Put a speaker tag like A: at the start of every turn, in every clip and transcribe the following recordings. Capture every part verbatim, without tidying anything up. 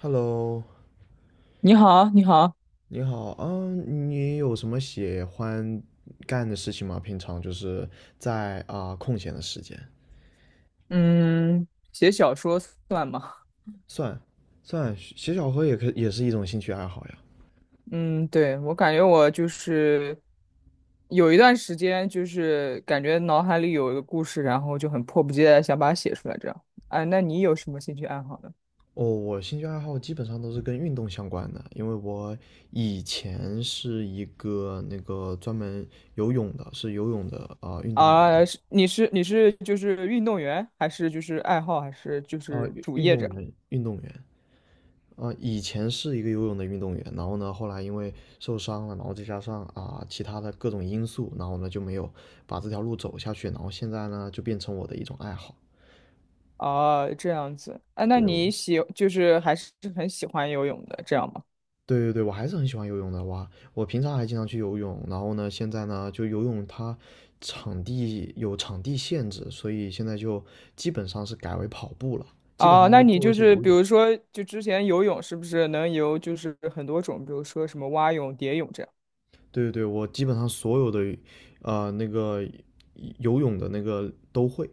A: Hello，
B: 你好，你好，
A: 你好啊，你有什么喜欢干的事情吗？平常就是在啊、空闲的时间，
B: 嗯，写小说算吗？
A: 算算写小说也可也是一种兴趣爱好呀。
B: 嗯，对，我感觉我就是有一段时间，就是感觉脑海里有一个故事，然后就很迫不及待地想把它写出来，这样。啊，那你有什么兴趣爱好呢？
A: 哦，我兴趣爱好基本上都是跟运动相关的，因为我以前是一个那个专门游泳的，是游泳的啊、运动员
B: 啊，是你是你是就是运动员，还是就是爱好，还是就
A: 啊、
B: 是
A: 运
B: 主
A: 运
B: 业
A: 动
B: 这样？
A: 员运动员。啊，以前是一个游泳的运动员，然后呢，后来因为受伤了，然后再加上啊、其他的各种因素，然后呢就没有把这条路走下去，然后现在呢就变成我的一种爱好。
B: 啊，这样子。啊，那
A: 对，我
B: 你喜就是还是很喜欢游泳的，这样吗？
A: 对对对，我还是很喜欢游泳的哇！我平常还经常去游泳，然后呢，现在呢就游泳它场地有场地限制，所以现在就基本上是改为跑步了，基本上
B: 啊，
A: 都
B: 那你
A: 做一
B: 就
A: 些
B: 是
A: 有
B: 比
A: 氧。
B: 如说，就之前游泳是不是能游就是很多种，比如说什么蛙泳、蝶泳这样
A: 对对对，我基本上所有的呃那个游泳的那个都会。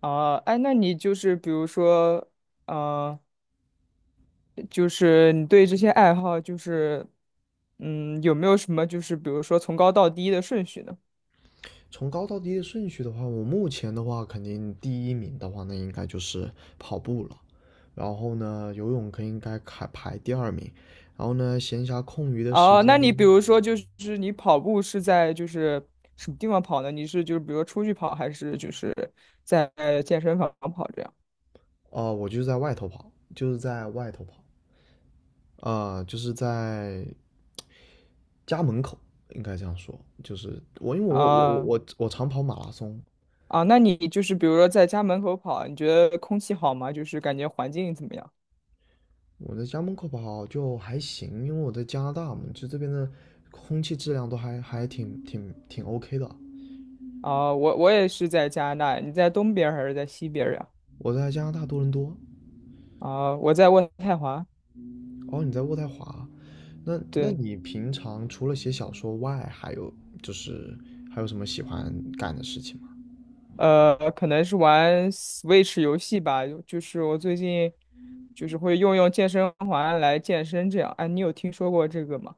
B: 啊？哎，那你就是比如说，嗯，就是你对这些爱好就是，嗯，有没有什么就是比如说从高到低的顺序呢？
A: 从高到低的顺序的话，我目前的话，肯定第一名的话，那应该就是跑步了。然后呢，游泳可应该排排第二名。然后呢，闲暇空余的时
B: 哦，那
A: 间呢，
B: 你比如说就是你跑步是在就是什么地方跑呢？你是就是比如说出去跑，还是就是在健身房跑这样
A: 呃，我就是在外头跑，就是在外头跑，呃，就是在家门口，应该这样说。就是我，因为我我我
B: 啊？哦
A: 我我常跑马拉松，
B: 啊，那你就是比如说在家门口跑，你觉得空气好吗？就是感觉环境怎么样？
A: 我在家门口跑就还行，因为我在加拿大嘛，就这边的空气质量都还还挺挺挺 O K 的。
B: 啊，我我也是在加拿大，你在东边儿还是在西边儿呀？
A: 我在加拿大多伦多，
B: 啊，我在渥太华，
A: 哦，你在渥太华，那那
B: 对，
A: 你平常除了写小说外，还有就是还有什么喜欢干的事情吗？
B: 呃，可能是玩 Switch 游戏吧，就就是我最近就是会用用健身环来健身这样。哎，你有听说过这个吗？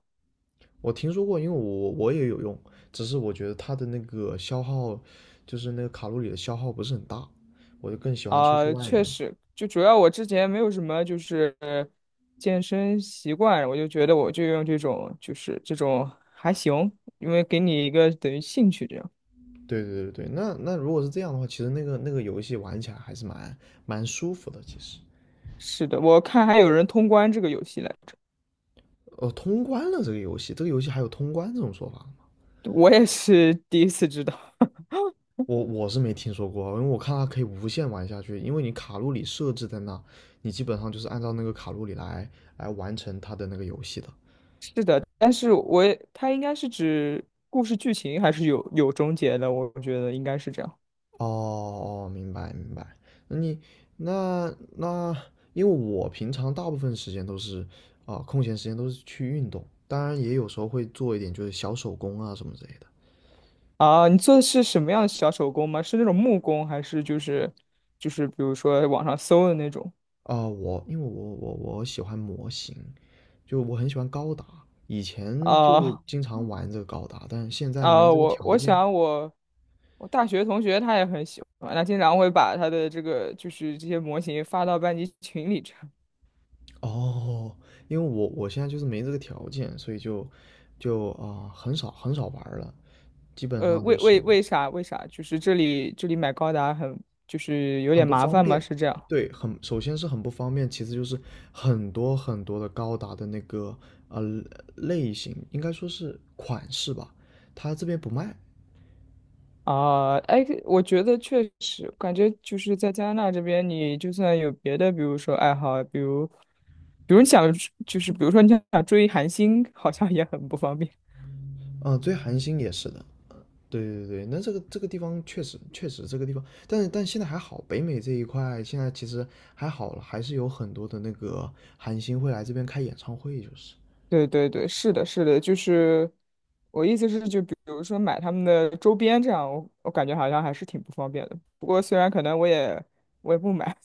A: 我听说过，因为我我也有用，只是我觉得它的那个消耗，就是那个卡路里的消耗不是很大，我就更喜欢出去
B: 啊，
A: 外
B: 确
A: 面。
B: 实，就主要我之前没有什么就是健身习惯，我就觉得我就用这种就是这种还行，因为给你一个等于兴趣这样。
A: 对对对对，那那如果是这样的话，其实那个那个游戏玩起来还是蛮蛮舒服的，其实。
B: 是的，我看还有人通关这个游戏来
A: 哦，通关了这个游戏，这个游戏还有通关这种说法。
B: 着，我也是 第一次知道。
A: 我我是没听说过啊，因为我看它可以无限玩下去，因为你卡路里设置在那，你基本上就是按照那个卡路里来来完成它的那个游戏的。
B: 是的，但是我也它应该是指故事剧情还是有有终结的，我觉得应该是这样。
A: 哦哦，明白明白。那你那那，因为我平常大部分时间都是啊、空闲时间都是去运动，当然也有时候会做一点就是小手工啊什么之类的。
B: 啊，你做的是什么样的小手工吗？是那种木工，还是就是就是比如说网上搜的那种？
A: 啊、我因为我我我喜欢模型，就我很喜欢高达，以前就
B: 啊
A: 经常玩这个高达，但现在没
B: 啊，
A: 这个
B: 我
A: 条
B: 我
A: 件。
B: 想我我大学同学他也很喜欢，他经常会把他的这个就是这些模型发到班级群里这样
A: 哦，因为我我现在就是没这个条件，所以就就啊、呃很少很少玩儿了，基本
B: 呃，
A: 上
B: 为
A: 就
B: 为
A: 是
B: 为啥为啥？就是这里这里买高达很就是有
A: 很
B: 点
A: 不
B: 麻
A: 方
B: 烦吗？
A: 便。
B: 是这样
A: 对，很首先是很不方便，其次就是很多很多的高达的那个呃类型，应该说是款式吧，它这边不卖。
B: 啊？哎，我觉得确实感觉就是在加拿大这边，你就算有别的，比如说爱好，比如比如你想就是比如说你想追韩星，好像也很不方便。
A: 啊、最寒星也是的。对对对，那这个这个地方确实确实这个地方，但是但现在还好，北美这一块现在其实还好了，还是有很多的那个韩星会来这边开演唱会，就是。
B: 对对对，是的，是的，就是我意思是，就比如说买他们的周边这样，我我感觉好像还是挺不方便的。不过虽然可能我也我也不买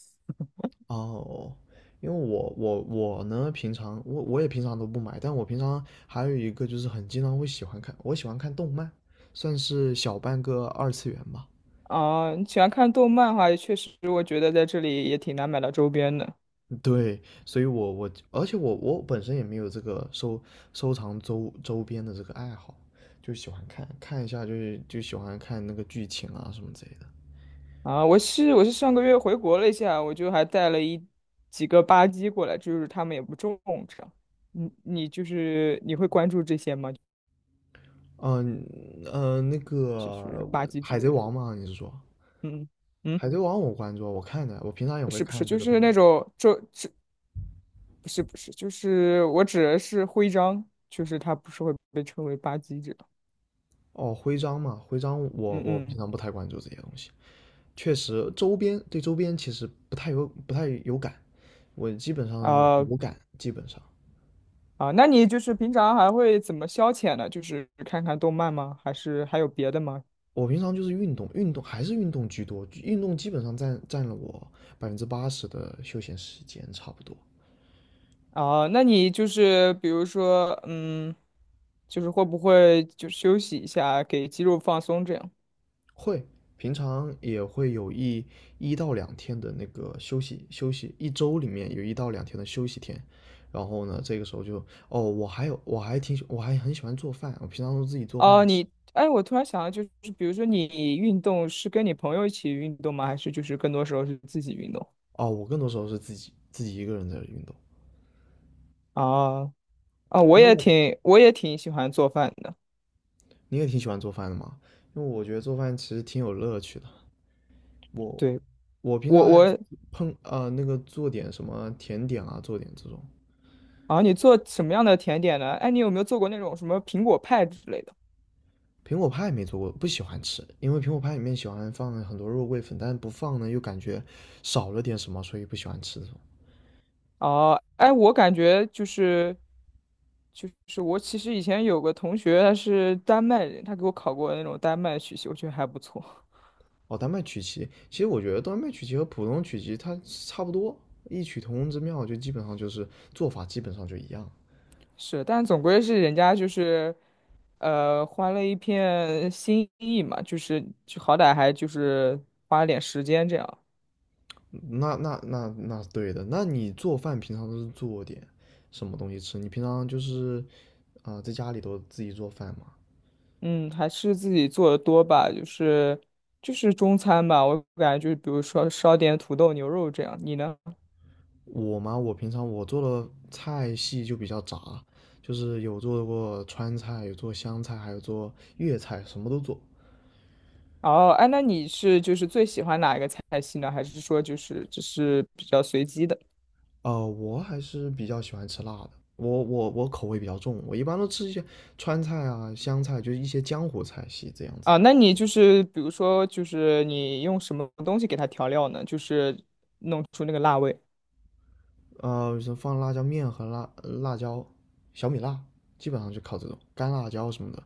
A: 哦，因为我我我呢，平常我我也平常都不买，但我平常还有一个就是很经常会喜欢看，我喜欢看动漫，算是小半个二次元吧。
B: 啊，你喜欢看动漫的话，确实我觉得在这里也挺难买到周边的
A: 对，所以我我而且我我本身也没有这个收收藏周周边的这个爱好，就喜欢看看一下，就是就喜欢看那个剧情啊什么之类的。
B: 啊。我是我是上个月回国了一下，我就还带了一几个吧唧过来，就是他们也不重这样你你就是你会关注这些吗？
A: 嗯呃，那
B: 就
A: 个
B: 是吧
A: 我
B: 唧之
A: 海贼
B: 类的，
A: 王嘛，你是说
B: 嗯嗯。
A: 海贼王我关注啊，我看的，我平常也
B: 不
A: 会
B: 是不是，
A: 看这
B: 就
A: 个
B: 是
A: 动漫。
B: 那种周不是不是，就是我指的是徽章，就是它不是会被称为吧唧这样。
A: 哦，徽章嘛，徽章我
B: 嗯
A: 我平
B: 嗯，
A: 常不太关注这些东西，确实周边对周边其实不太有不太有感，我基本上
B: 啊
A: 无感，基本上
B: 啊，那你就是平常还会怎么消遣呢？就是看看动漫吗？还是还有别的吗？
A: 我平常就是运动，运动还是运动居多，运动基本上占占了我百分之八十的休闲时间差不多，
B: 啊，那你就是比如说，嗯，就是会不会就休息一下，给肌肉放松这样？
A: 会平常也会有一一到两天的那个休息休息，一周里面有一到两天的休息天，然后呢，这个时候就哦，我还有我还挺喜我还很喜欢做饭，我平常都自己做饭
B: 哦，
A: 吃。
B: 你，哎，我突然想到，就是比如说你运动是跟你朋友一起运动吗？还是就是更多时候是自己运动？
A: 哦，我更多时候是自己自己一个人在运动，
B: 啊啊，我
A: 因为
B: 也
A: 我
B: 挺我也挺喜欢做饭的。
A: 你也挺喜欢做饭的嘛，因为我觉得做饭其实挺有乐趣的。我
B: 对，
A: 我平常
B: 我
A: 还
B: 我
A: 碰呃那个做点什么甜点啊，做点这种
B: 啊，你做什么样的甜点呢？哎，你有没有做过那种什么苹果派之类的？
A: 苹果派没做过，不喜欢吃，因为苹果派里面喜欢放很多肉桂粉，但是不放呢又感觉少了点什么，所以不喜欢吃这种。
B: 哦，哎，我感觉就是就是我其实以前有个同学，他是丹麦人，他给我考过那种丹麦曲奇，我觉得还不错。
A: 哦，丹麦曲奇，其实我觉得丹麦曲奇和普通曲奇它差不多，异曲同工之妙，就基本上就是做法基本上就一样。
B: 是，但总归是人家就是呃花了一片心意嘛，就是就好歹还就是花了点时间这样。
A: 那那那那是对的。那你做饭平常都是做点什么东西吃？你平常就是啊、呃在家里都自己做饭吗？
B: 嗯，还是自己做的多吧，就是就是中餐吧，我感觉就是比如说烧点土豆牛肉这样。你呢？
A: 我嘛，我平常我做的菜系就比较杂，就是有做过川菜，有做湘菜，还有做粤菜，什么都做。
B: 哦，哎，那你是就是最喜欢哪一个菜系呢？还是说就是只是比较随机的
A: 呃，我还是比较喜欢吃辣的，我我我口味比较重，我一般都吃一些川菜啊、湘菜，就是一些江湖菜系这样子。
B: 啊？那你就是比如说就是你用什么东西给它调料呢？就是弄出那个辣味。
A: 呃，是放辣椒面和辣辣椒、小米辣，基本上就靠这种干辣椒什么的。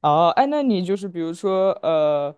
B: 哦，哎，那你就是比如说，呃，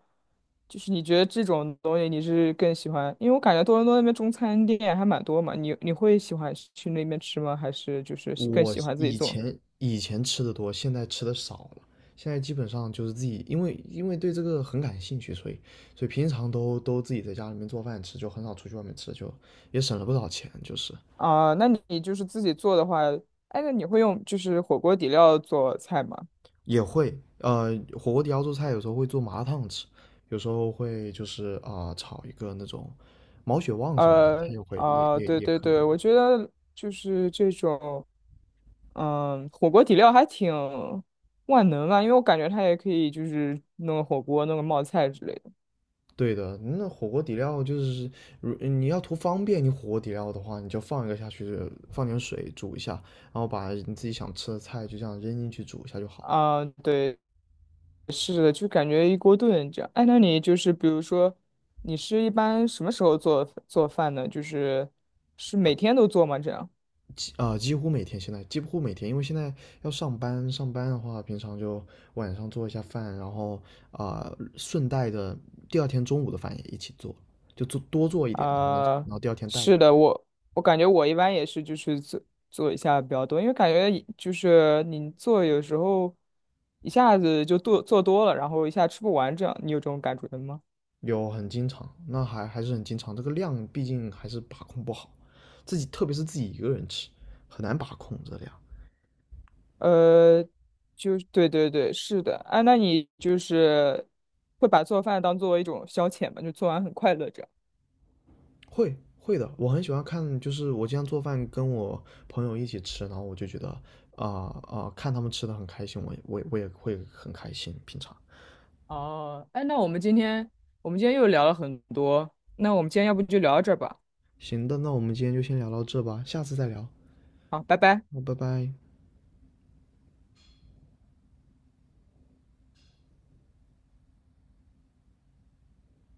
B: 就是你觉得这种东西你是更喜欢？因为我感觉多伦多那边中餐店还蛮多嘛，你你会喜欢去那边吃吗？还是就是喜更
A: 我
B: 喜欢自己
A: 以
B: 做？
A: 前以前吃的多，现在吃的少了。现在基本上就是自己，因为因为对这个很感兴趣，所以所以平常都都自己在家里面做饭吃，就很少出去外面吃，就也省了不少钱。就是
B: 啊、那你就是自己做的话，哎，那你会用就是火锅底料做菜吗？
A: 也会呃，火锅底料做菜有时候会做麻辣烫吃，有时候会就是啊、呃炒一个那种毛血旺什么的，它
B: 呃，
A: 也会也
B: 啊、
A: 也
B: 对
A: 也
B: 对
A: 可以
B: 对，
A: 用。
B: 我觉得就是这种，嗯，火锅底料还挺万能啊，因为我感觉它也可以就是弄个火锅、弄个冒菜之类的。
A: 对的，那火锅底料就是，如你要图方便，你火锅底料的话，你就放一个下去，放点水煮一下，然后把你自己想吃的菜就这样扔进去煮一下就好了。
B: 啊、对是的，就感觉一锅炖这样。哎，那你就是比如说，你是一般什么时候做做饭呢？就是是每天都做吗？这样？
A: 几啊、几乎每天现在几乎每天，因为现在要上班，上班的话，平常就晚上做一下饭，然后啊、顺带的第二天中午的饭也一起做，就做多做一点，然后
B: 啊、
A: 然后第二天带着
B: 是的，我我感觉我一般也是就是做做一下比较多，因为感觉一就是你做有时候一下子就做做多了，然后一下吃不完这样，你有这种感觉吗？
A: 有很经常，那还还是很经常。这个量毕竟还是把控不好，自己特别是自己一个人吃，很难把控这量。
B: 呃，就是对对对，是的。哎、那你就是会把做饭当做一种消遣吗？就做完很快乐这样。
A: 会会的，我很喜欢看，就是我经常做饭跟我朋友一起吃，然后我就觉得啊啊、呃呃看他们吃的很开心，我也我也我也会很开心。平常
B: 哦，哎，那我们今天我们今天又聊了很多，那我们今天要不就聊到这儿吧？
A: 行的，那我们今天就先聊到这吧，下次再聊，
B: 好，拜拜。
A: 拜拜。